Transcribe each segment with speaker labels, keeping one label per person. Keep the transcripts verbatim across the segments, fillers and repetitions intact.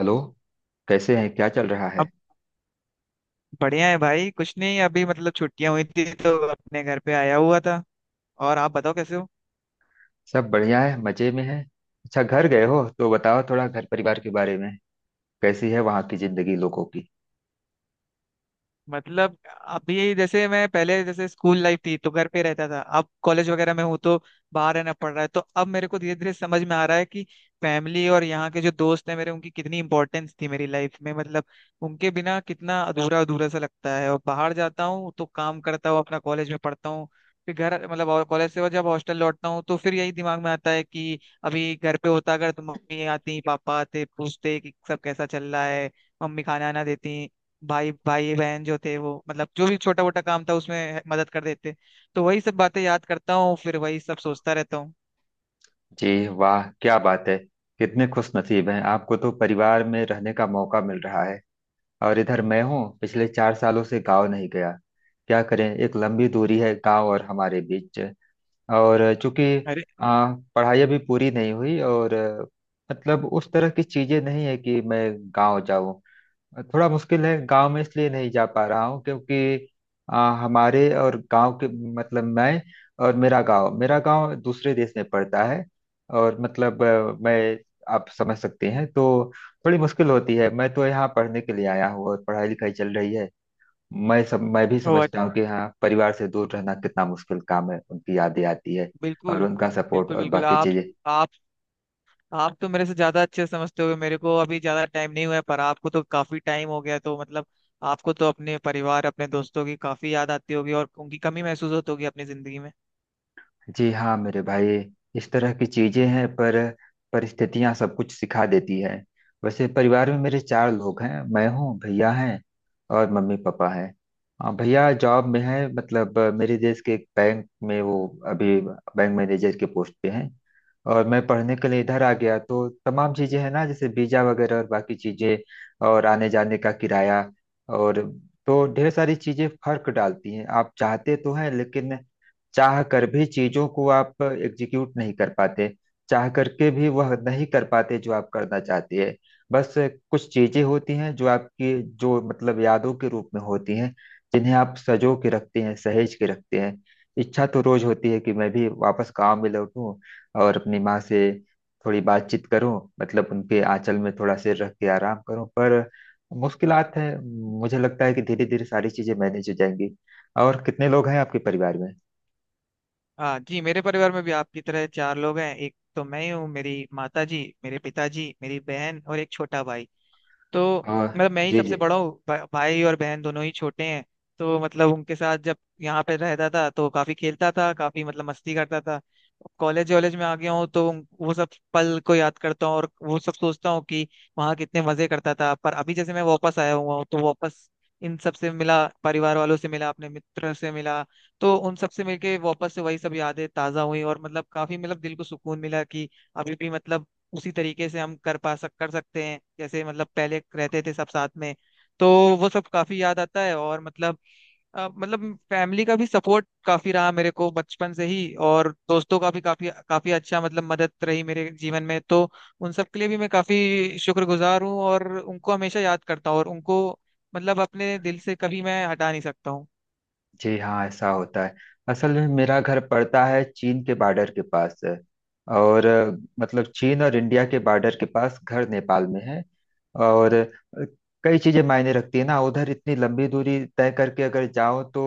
Speaker 1: Hello. कैसे हैं? क्या चल रहा
Speaker 2: अब
Speaker 1: है?
Speaker 2: बढ़िया है भाई। कुछ नहीं, अभी मतलब छुट्टियां हुई थी तो अपने घर पे आया हुआ था। और आप बताओ कैसे हो।
Speaker 1: सब बढ़िया है, मजे में है। अच्छा, घर गए हो तो बताओ थोड़ा घर परिवार के बारे में। कैसी है वहाँ की जिंदगी, लोगों की?
Speaker 2: मतलब अभी जैसे मैं पहले जैसे स्कूल लाइफ थी तो घर पे रहता था, अब कॉलेज वगैरह में हूँ तो बाहर रहना पड़ रहा है। तो अब मेरे को धीरे धीरे समझ में आ रहा है कि फैमिली और यहाँ के जो दोस्त हैं मेरे, उनकी कितनी इंपॉर्टेंस थी मेरी लाइफ में। मतलब उनके बिना कितना अधूरा अधूरा सा लगता है। और बाहर जाता हूँ तो काम करता हूँ अपना, कॉलेज में पढ़ता हूँ, फिर घर मतलब, और कॉलेज से, और जब हॉस्टल लौटता हूँ तो फिर यही दिमाग में आता है कि अभी घर पे होता अगर तो मम्मी आती, पापा आते, पूछते कि सब कैसा चल रहा है, मम्मी खाना आना देती, भाई भाई बहन जो थे वो मतलब जो भी छोटा मोटा काम था उसमें मदद कर देते। तो वही सब बातें याद करता हूँ, फिर वही सब सोचता रहता हूँ।
Speaker 1: जी वाह, क्या बात है। कितने खुश नसीब हैं आपको तो, परिवार में रहने का मौका मिल रहा है। और इधर मैं हूँ, पिछले चार सालों से गाँव नहीं गया। क्या करें, एक लंबी दूरी है गाँव और हमारे बीच। और चूंकि
Speaker 2: अरे।
Speaker 1: आ, पढ़ाई अभी पूरी नहीं हुई, और अ, मतलब उस तरह की चीजें नहीं है कि मैं गाँव जाऊँ। थोड़ा मुश्किल है, गांव में इसलिए नहीं जा पा रहा हूँ क्योंकि आ, हमारे और गांव के, मतलब मैं, और मेरा गांव मेरा गांव दूसरे देश में पड़ता है। और मतलब अ, मैं, आप समझ सकते हैं तो। थोड़ी मुश्किल होती है। मैं तो यहाँ पढ़ने के लिए आया हूँ और पढ़ाई लिखाई चल रही है। मैं सब मैं भी
Speaker 2: ओ अच्छा।
Speaker 1: समझता हूँ कि हाँ, परिवार से दूर रहना कितना मुश्किल काम है, उनकी यादें आती है। और
Speaker 2: बिल्कुल।
Speaker 1: उनका सपोर्ट
Speaker 2: बिल्कुल
Speaker 1: और
Speaker 2: बिल्कुल।
Speaker 1: बाकी
Speaker 2: आप
Speaker 1: चीजें।
Speaker 2: आप आप तो मेरे से ज्यादा अच्छे समझते हो। मेरे को अभी ज्यादा टाइम नहीं हुआ है, पर आपको तो काफी टाइम हो गया तो मतलब आपको तो अपने परिवार, अपने दोस्तों की काफी याद आती होगी और उनकी कमी महसूस होती होगी अपनी जिंदगी में।
Speaker 1: जी हाँ मेरे भाई। इस तरह की चीजें हैं, पर परिस्थितियां सब कुछ सिखा देती है। वैसे परिवार में मेरे चार लोग हैं। मैं हूँ, भैया हैं, और मम्मी पापा हैं। अ, भैया जॉब में है, मतलब अ, मेरे देश के एक बैंक में, वो अभी बैंक मैनेजर के पोस्ट पे हैं। और मैं पढ़ने के लिए इधर आ गया, तो तमाम चीजें हैं ना, जैसे वीजा वगैरह और बाकी चीजें। और आने जाने का किराया, और तो ढेर सारी चीजें फर्क डालती हैं, आप चाहते तो हैं, लेकिन चाह कर भी चीजों को आप एग्जीक्यूट नहीं कर पाते। चाह करके भी वह नहीं कर पाते जो आप करना चाहते हैं। बस, कुछ चीजें होती हैं जो आपकी, जो मतलब यादों के रूप में होती हैं, जिन्हें आप सजो के रखते हैं, सहेज के रखते हैं। इच्छा तो रोज होती है कि मैं भी वापस गाँव में लौटूं, और अपनी माँ से थोड़ी बातचीत करूं, मतलब उनके आंचल में थोड़ा सिर रख के आराम करूं, पर मुश्किलात है। मुझे लगता है कि धीरे धीरे सारी चीजें मैनेज हो जाएंगी। और कितने लोग हैं आपके परिवार में?
Speaker 2: हाँ जी, मेरे परिवार में भी आपकी तरह चार लोग हैं। एक तो मैं ही हूँ, मेरी माता जी, मेरे पिताजी, मेरी बहन और एक छोटा भाई। तो
Speaker 1: हाँ
Speaker 2: मतलब मैं ही
Speaker 1: जी
Speaker 2: सबसे
Speaker 1: जी।
Speaker 2: बड़ा हूँ, भा, भाई और बहन दोनों ही छोटे हैं। तो मतलब उनके साथ जब यहाँ पे रहता था तो काफी खेलता था, काफी मतलब मस्ती करता था। कॉलेज वॉलेज में आ गया हूँ तो उन- वो सब पल को याद करता हूँ और वो सब सोचता हूँ कि वहाँ कितने मजे करता था। पर अभी जैसे मैं वापस आया हुआ हूँ तो वापस इन सब से मिला, परिवार वालों से मिला, अपने मित्र से मिला। तो उन सब से मिलके वापस से वही सब यादें ताजा हुई, और मतलब काफी मतलब दिल को सुकून मिला कि अभी भी मतलब उसी तरीके से हम कर पा सक कर सकते हैं जैसे मतलब पहले रहते थे सब साथ में। तो वो सब काफी याद आता है। और मतलब अ, मतलब फैमिली का भी सपोर्ट काफी रहा मेरे को बचपन से ही, और दोस्तों का भी काफी काफी अच्छा मतलब मदद रही मेरे जीवन में। तो उन सब के लिए भी मैं काफी शुक्रगुजार हूँ और उनको हमेशा याद करता हूँ और उनको मतलब अपने दिल से कभी मैं हटा नहीं सकता हूँ।
Speaker 1: जी हाँ, ऐसा होता है। असल में मेरा घर पड़ता है, चीन के बॉर्डर के पास है। और अ, मतलब चीन और इंडिया के बॉर्डर के पास, घर नेपाल में है। और अ, कई चीजें मायने रखती है ना, उधर इतनी लंबी दूरी तय करके अगर जाओ तो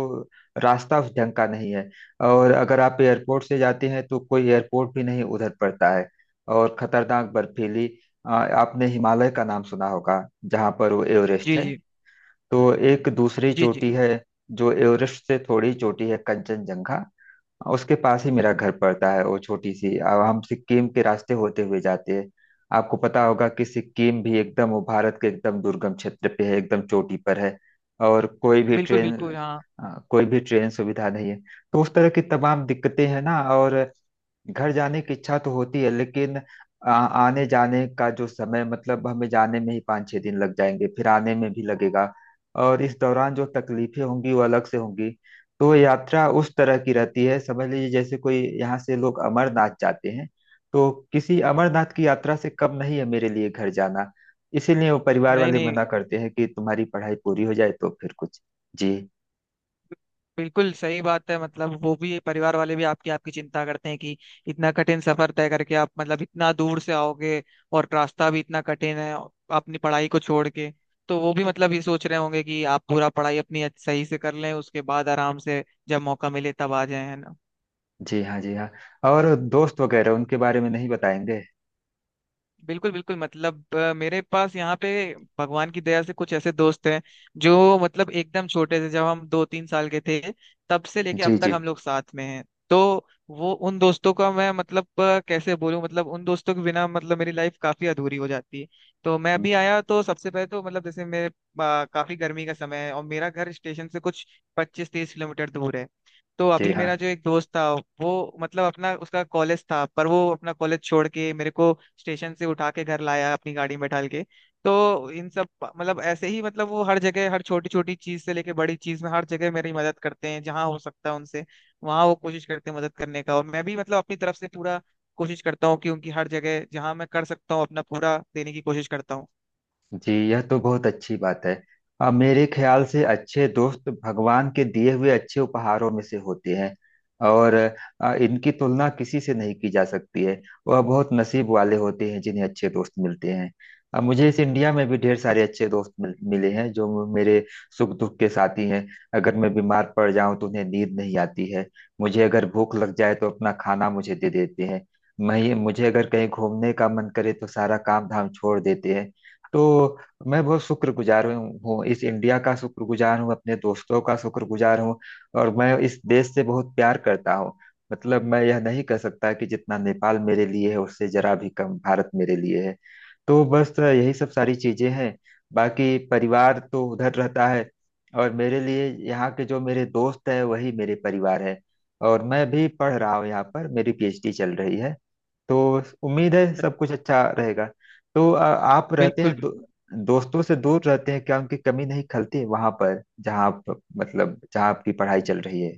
Speaker 1: रास्ता उस ढंग का नहीं है। और अगर आप एयरपोर्ट से जाते हैं, तो कोई एयरपोर्ट भी नहीं उधर पड़ता है। और खतरनाक बर्फीली। अ, आपने हिमालय का नाम सुना होगा, जहाँ पर वो एवरेस्ट
Speaker 2: जी
Speaker 1: है।
Speaker 2: जी।
Speaker 1: तो एक दूसरी
Speaker 2: जी जी।
Speaker 1: चोटी है, जो एवरेस्ट से थोड़ी छोटी है, कंचनजंघा। उसके पास ही मेरा घर पड़ता है, वो छोटी सी। अब हम सिक्किम के रास्ते होते हुए जाते हैं। आपको पता होगा कि सिक्किम भी एकदम वो भारत के एकदम दुर्गम क्षेत्र पे है, एकदम चोटी पर है। और कोई भी
Speaker 2: बिल्कुल
Speaker 1: ट्रेन
Speaker 2: बिल्कुल। हाँ।
Speaker 1: अ, कोई भी ट्रेन सुविधा नहीं है। तो उस तरह की तमाम दिक्कतें हैं ना, और घर जाने की इच्छा तो होती है, लेकिन आ, आने जाने का जो समय, मतलब हमें जाने में ही पाँच छः दिन लग जाएंगे, फिर आने में भी लगेगा। और इस दौरान जो तकलीफें होंगी वो अलग से होंगी। तो यात्रा उस तरह की रहती है, समझ लीजिए जैसे कोई यहाँ से लोग अमरनाथ जाते हैं, तो किसी अमरनाथ की यात्रा से कम नहीं है मेरे लिए घर जाना। इसीलिए वो परिवार
Speaker 2: नहीं
Speaker 1: वाले मना
Speaker 2: नहीं।
Speaker 1: करते हैं कि तुम्हारी पढ़ाई पूरी हो जाए तो फिर कुछ। जी,
Speaker 2: बिल्कुल सही बात है। मतलब वो भी, परिवार वाले भी आपकी आपकी चिंता करते हैं कि इतना कठिन सफर तय करके आप मतलब इतना दूर से आओगे, और रास्ता भी इतना कठिन है, अपनी पढ़ाई को छोड़ के। तो वो भी मतलब ये सोच रहे होंगे कि आप पूरा पढ़ाई अपनी अच्छ- सही से कर लें, उसके बाद आराम से जब मौका मिले तब आ जाए, है ना।
Speaker 1: जी हाँ, जी हाँ। और दोस्त वगैरह, उनके बारे में नहीं बताएंगे?
Speaker 2: बिल्कुल बिल्कुल। मतलब अ, मेरे पास यहाँ पे भगवान की दया से कुछ ऐसे दोस्त हैं जो मतलब एकदम छोटे से, जब हम दो तीन साल के थे तब से लेके अब तक
Speaker 1: जी,
Speaker 2: हम लोग साथ में हैं। तो वो, उन दोस्तों का मैं मतलब अ, कैसे बोलूं, मतलब उन दोस्तों के बिना मतलब मेरी लाइफ काफी अधूरी हो जाती है। तो मैं
Speaker 1: जी,
Speaker 2: अभी आया तो सबसे पहले तो मतलब जैसे मेरे अ, काफी गर्मी का समय है और मेरा घर स्टेशन से कुछ पच्चीस तीस किलोमीटर दूर है। तो
Speaker 1: जी
Speaker 2: अभी
Speaker 1: हाँ।
Speaker 2: मेरा जो एक दोस्त था, वो मतलब अपना, उसका कॉलेज था पर वो अपना कॉलेज छोड़ के मेरे को स्टेशन से उठा के घर लाया अपनी गाड़ी में ढाल के। तो इन सब मतलब ऐसे ही मतलब वो हर जगह, हर छोटी छोटी चीज से लेके बड़ी चीज में हर जगह मेरी मदद करते हैं। जहाँ हो सकता है उनसे वहाँ वो कोशिश करते हैं मदद करने का, और मैं भी मतलब अपनी तरफ से पूरा कोशिश करता हूँ कि उनकी हर जगह जहाँ मैं कर सकता हूँ अपना पूरा देने की कोशिश करता हूँ।
Speaker 1: जी, यह तो बहुत अच्छी बात है। अब मेरे ख्याल से अच्छे दोस्त भगवान के दिए हुए अच्छे उपहारों में से होते हैं। और अ, इनकी तुलना किसी से नहीं की जा सकती है। वह बहुत नसीब वाले होते हैं जिन्हें अच्छे दोस्त मिलते हैं। अब मुझे इस इंडिया में भी ढेर सारे अच्छे दोस्त मिल, मिले हैं, जो मेरे सुख दुख के साथी हैं। अगर मैं बीमार पड़ जाऊं तो उन्हें नींद नहीं आती है। मुझे अगर भूख लग जाए तो अपना खाना मुझे दे देते हैं। मैं मुझे अगर कहीं घूमने का मन करे तो सारा काम धाम छोड़ देते हैं। तो मैं बहुत शुक्रगुजार हूँ हूँ इस इंडिया का शुक्रगुजार हूँ, अपने दोस्तों का शुक्रगुजार हूँ। और मैं इस देश से बहुत प्यार करता हूँ। मतलब मैं यह नहीं कह सकता कि जितना नेपाल मेरे लिए है, उससे जरा भी कम भारत मेरे लिए है। तो बस यही सब सारी चीजें हैं। बाकी परिवार तो उधर रहता है, और मेरे लिए यहाँ के जो मेरे दोस्त हैं, वही मेरे परिवार है। और मैं भी पढ़ रहा हूँ, यहाँ पर मेरी पी एच डी चल रही है। तो उम्मीद है सब कुछ अच्छा रहेगा। तो अ, आप रहते
Speaker 2: बिल्कुल।
Speaker 1: हैं, दो, दोस्तों से दूर रहते हैं, क्या उनकी कमी नहीं खलती वहां पर जहाँ आप, मतलब जहाँ आपकी पढ़ाई चल रही है?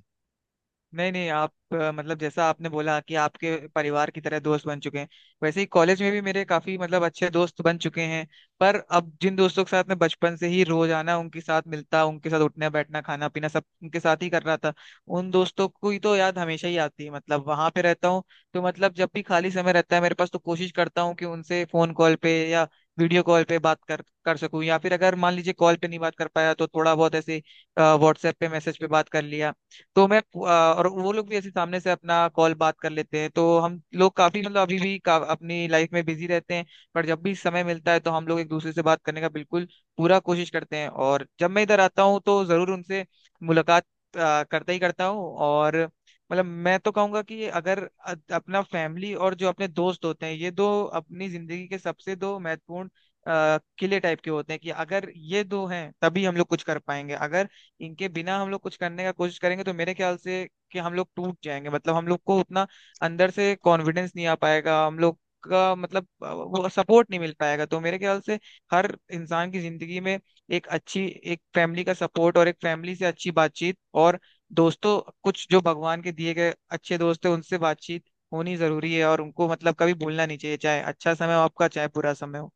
Speaker 2: नहीं नहीं। आप अ, मतलब जैसा आपने बोला कि आपके परिवार की तरह दोस्त बन चुके हैं, वैसे ही कॉलेज में भी मेरे काफी मतलब अच्छे दोस्त बन चुके हैं। पर अब जिन दोस्तों के साथ मैं बचपन से ही रोजाना उनके साथ मिलता, उनके साथ उठना बैठना खाना पीना सब उनके साथ ही कर रहा था, उन दोस्तों को ही तो याद हमेशा ही आती है। मतलब वहां पे रहता हूँ तो मतलब जब भी खाली समय रहता है मेरे पास तो कोशिश करता हूँ कि उनसे फोन कॉल पे या वीडियो कॉल पे बात कर कर सकूं, या फिर अगर मान लीजिए कॉल पे नहीं बात कर पाया तो थोड़ा बहुत ऐसे व्हाट्सएप पे मैसेज पे बात कर लिया। तो मैं अ, और वो लोग भी ऐसे सामने से अपना कॉल बात कर लेते हैं। तो हम लोग काफी मतलब अभी भी का, अपनी लाइफ में बिजी रहते हैं, पर जब भी समय मिलता है तो हम लोग एक दूसरे से बात करने का बिल्कुल पूरा कोशिश करते हैं। और जब मैं इधर आता हूँ तो जरूर उनसे मुलाकात अ, करता ही करता हूँ। और मतलब मैं तो कहूंगा कि अगर अ- अपना फैमिली और जो अपने दोस्त होते हैं, ये दो अपनी जिंदगी के सबसे दो महत्वपूर्ण अ, किले टाइप के होते हैं कि अगर ये दो हैं तभी हम लोग कुछ कर पाएंगे। अगर इनके बिना हम लोग कुछ करने का कोशिश करेंगे तो मेरे ख्याल से कि हम लोग टूट जाएंगे। मतलब हम लोग को उतना अंदर से कॉन्फिडेंस नहीं आ पाएगा, हम लोग का मतलब अ, वो सपोर्ट नहीं मिल पाएगा। तो मेरे ख्याल से हर इंसान की जिंदगी में एक अच्छी, एक फैमिली का सपोर्ट और एक फैमिली से अच्छी बातचीत, और दोस्तों, कुछ जो भगवान के दिए गए अच्छे दोस्त है, उनसे बातचीत होनी जरूरी है। और उनको मतलब कभी भूलना नहीं चाहिए, चाहे अच्छा समय हो आपका चाहे बुरा समय हो।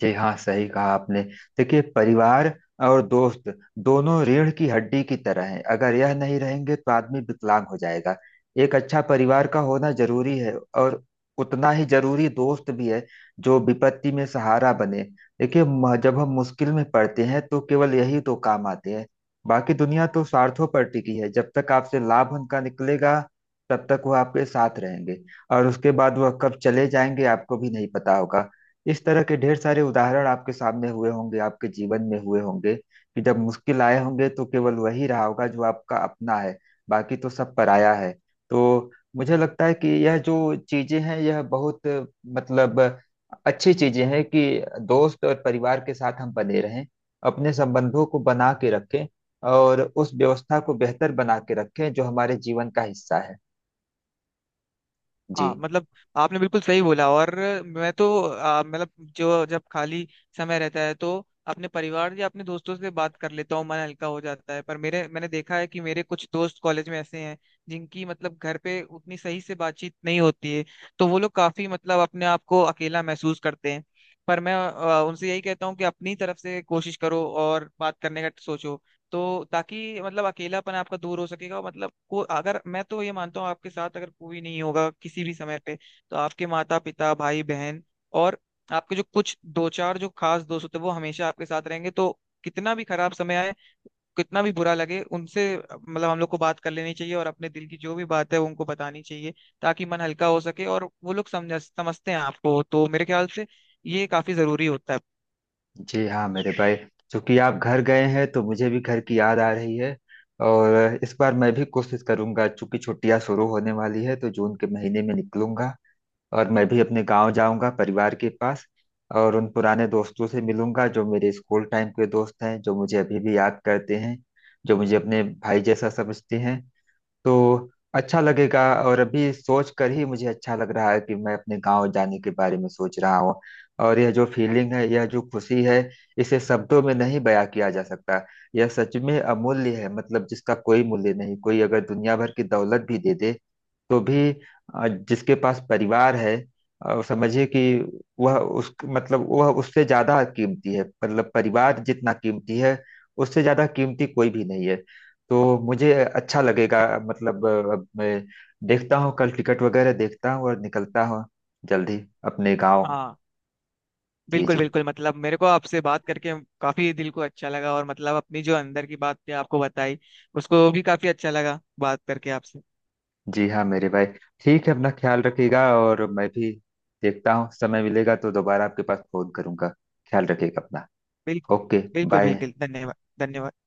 Speaker 1: जी हाँ, सही कहा आपने। देखिए, परिवार और दोस्त दोनों रीढ़ की हड्डी की तरह हैं, अगर यह नहीं रहेंगे तो आदमी विकलांग हो जाएगा। एक अच्छा परिवार का होना जरूरी है, और उतना ही जरूरी दोस्त भी है, जो विपत्ति में सहारा बने। देखिए, म- जब हम मुश्किल में पड़ते हैं तो केवल यही दो काम आते हैं। बाकी दुनिया तो स्वार्थों पर टिकी है, जब तक आपसे लाभ उनका निकलेगा तब तक वो आपके साथ रहेंगे, और उसके बाद वह कब चले जाएंगे, आपको भी नहीं पता होगा। इस तरह के ढेर सारे उदाहरण आपके सामने हुए होंगे, आपके जीवन में हुए होंगे, कि जब मुश्किल आए होंगे तो केवल वही रहा होगा जो आपका अपना है। बाकी तो सब पराया है। तो मुझे लगता है कि यह जो चीजें हैं, यह बहुत, मतलब, अच्छी चीजें हैं कि दोस्त और परिवार के साथ हम बने रहें, अपने संबंधों को बना के रखें, और उस व्यवस्था को बेहतर बना के रखें जो हमारे जीवन का हिस्सा है।
Speaker 2: हाँ,
Speaker 1: जी।
Speaker 2: मतलब आपने बिल्कुल सही बोला। और मैं तो आ, मतलब जो जब खाली समय रहता है तो अपने परिवार या अपने दोस्तों से बात कर लेता हूँ, मन हल्का हो जाता है। पर मेरे, मैंने देखा है कि मेरे कुछ दोस्त कॉलेज में ऐसे हैं जिनकी मतलब घर पे उतनी सही से बातचीत नहीं होती है, तो वो लोग काफी मतलब अपने आप को अकेला महसूस करते हैं। पर मैं आ, उनसे यही कहता हूँ कि अपनी तरफ से कोशिश करो और बात करने का सोचो, तो ताकि मतलब अकेलापन आपका दूर हो सकेगा। मतलब को अगर, मैं तो ये मानता हूँ, आपके साथ अगर कोई नहीं होगा किसी भी समय पे तो आपके माता पिता, भाई बहन, और आपके जो कुछ दो चार जो खास दोस्त होते हैं वो हमेशा आपके साथ रहेंगे। तो कितना भी खराब समय आए, कितना भी बुरा लगे, उनसे मतलब हम लोग को बात कर लेनी चाहिए और अपने दिल की जो भी बात है वो उनको बतानी चाहिए, ताकि मन हल्का हो सके और वो लोग समझ समझते हैं आपको। तो मेरे ख्याल से ये काफी जरूरी होता है।
Speaker 1: जी हाँ मेरे भाई। चूंकि आप घर गए हैं तो मुझे भी घर की याद आ रही है। और इस बार मैं भी कोशिश करूंगा, चूंकि छुट्टियां शुरू होने वाली है, तो जून के महीने में निकलूंगा, और मैं भी अपने गांव जाऊंगा, परिवार के पास। और उन पुराने दोस्तों से मिलूंगा, जो मेरे स्कूल टाइम के दोस्त हैं, जो मुझे अभी भी याद करते हैं, जो मुझे अपने भाई जैसा समझते हैं। तो अच्छा लगेगा। और अभी सोच कर ही मुझे अच्छा लग रहा है कि मैं अपने गांव जाने के बारे में सोच रहा हूँ। और यह जो फीलिंग है, यह जो खुशी है, इसे शब्दों में नहीं बयां किया जा सकता। यह सच में अमूल्य है, मतलब जिसका कोई मूल्य नहीं, कोई अगर दुनिया भर की दौलत भी दे दे तो भी, अ, जिसके पास परिवार है, अ, समझिए कि वह उस मतलब वह उससे ज्यादा कीमती है, मतलब परिवार जितना कीमती है, उससे ज्यादा कीमती कोई भी नहीं है। तो मुझे अच्छा लगेगा, मतलब अ, अब मैं देखता हूँ, कल टिकट वगैरह देखता हूँ और निकलता हूँ जल्दी अपने गाँव।
Speaker 2: हाँ।
Speaker 1: जी,
Speaker 2: बिल्कुल
Speaker 1: जी,
Speaker 2: बिल्कुल। मतलब मेरे को आपसे बात करके काफी दिल को अच्छा लगा, और मतलब अपनी जो अंदर की बात थी आपको बताई, उसको भी काफी अच्छा लगा बात करके आपसे।
Speaker 1: जी हाँ मेरे भाई। ठीक है, अपना ख्याल रखिएगा, और मैं भी देखता हूँ, समय मिलेगा तो दोबारा आपके पास फोन करूंगा। ख्याल रखिएगा अपना।
Speaker 2: बिल्कुल।
Speaker 1: ओके।
Speaker 2: बिल्कुल
Speaker 1: बाय।
Speaker 2: बिल्कुल। धन्यवाद। धन्यवाद।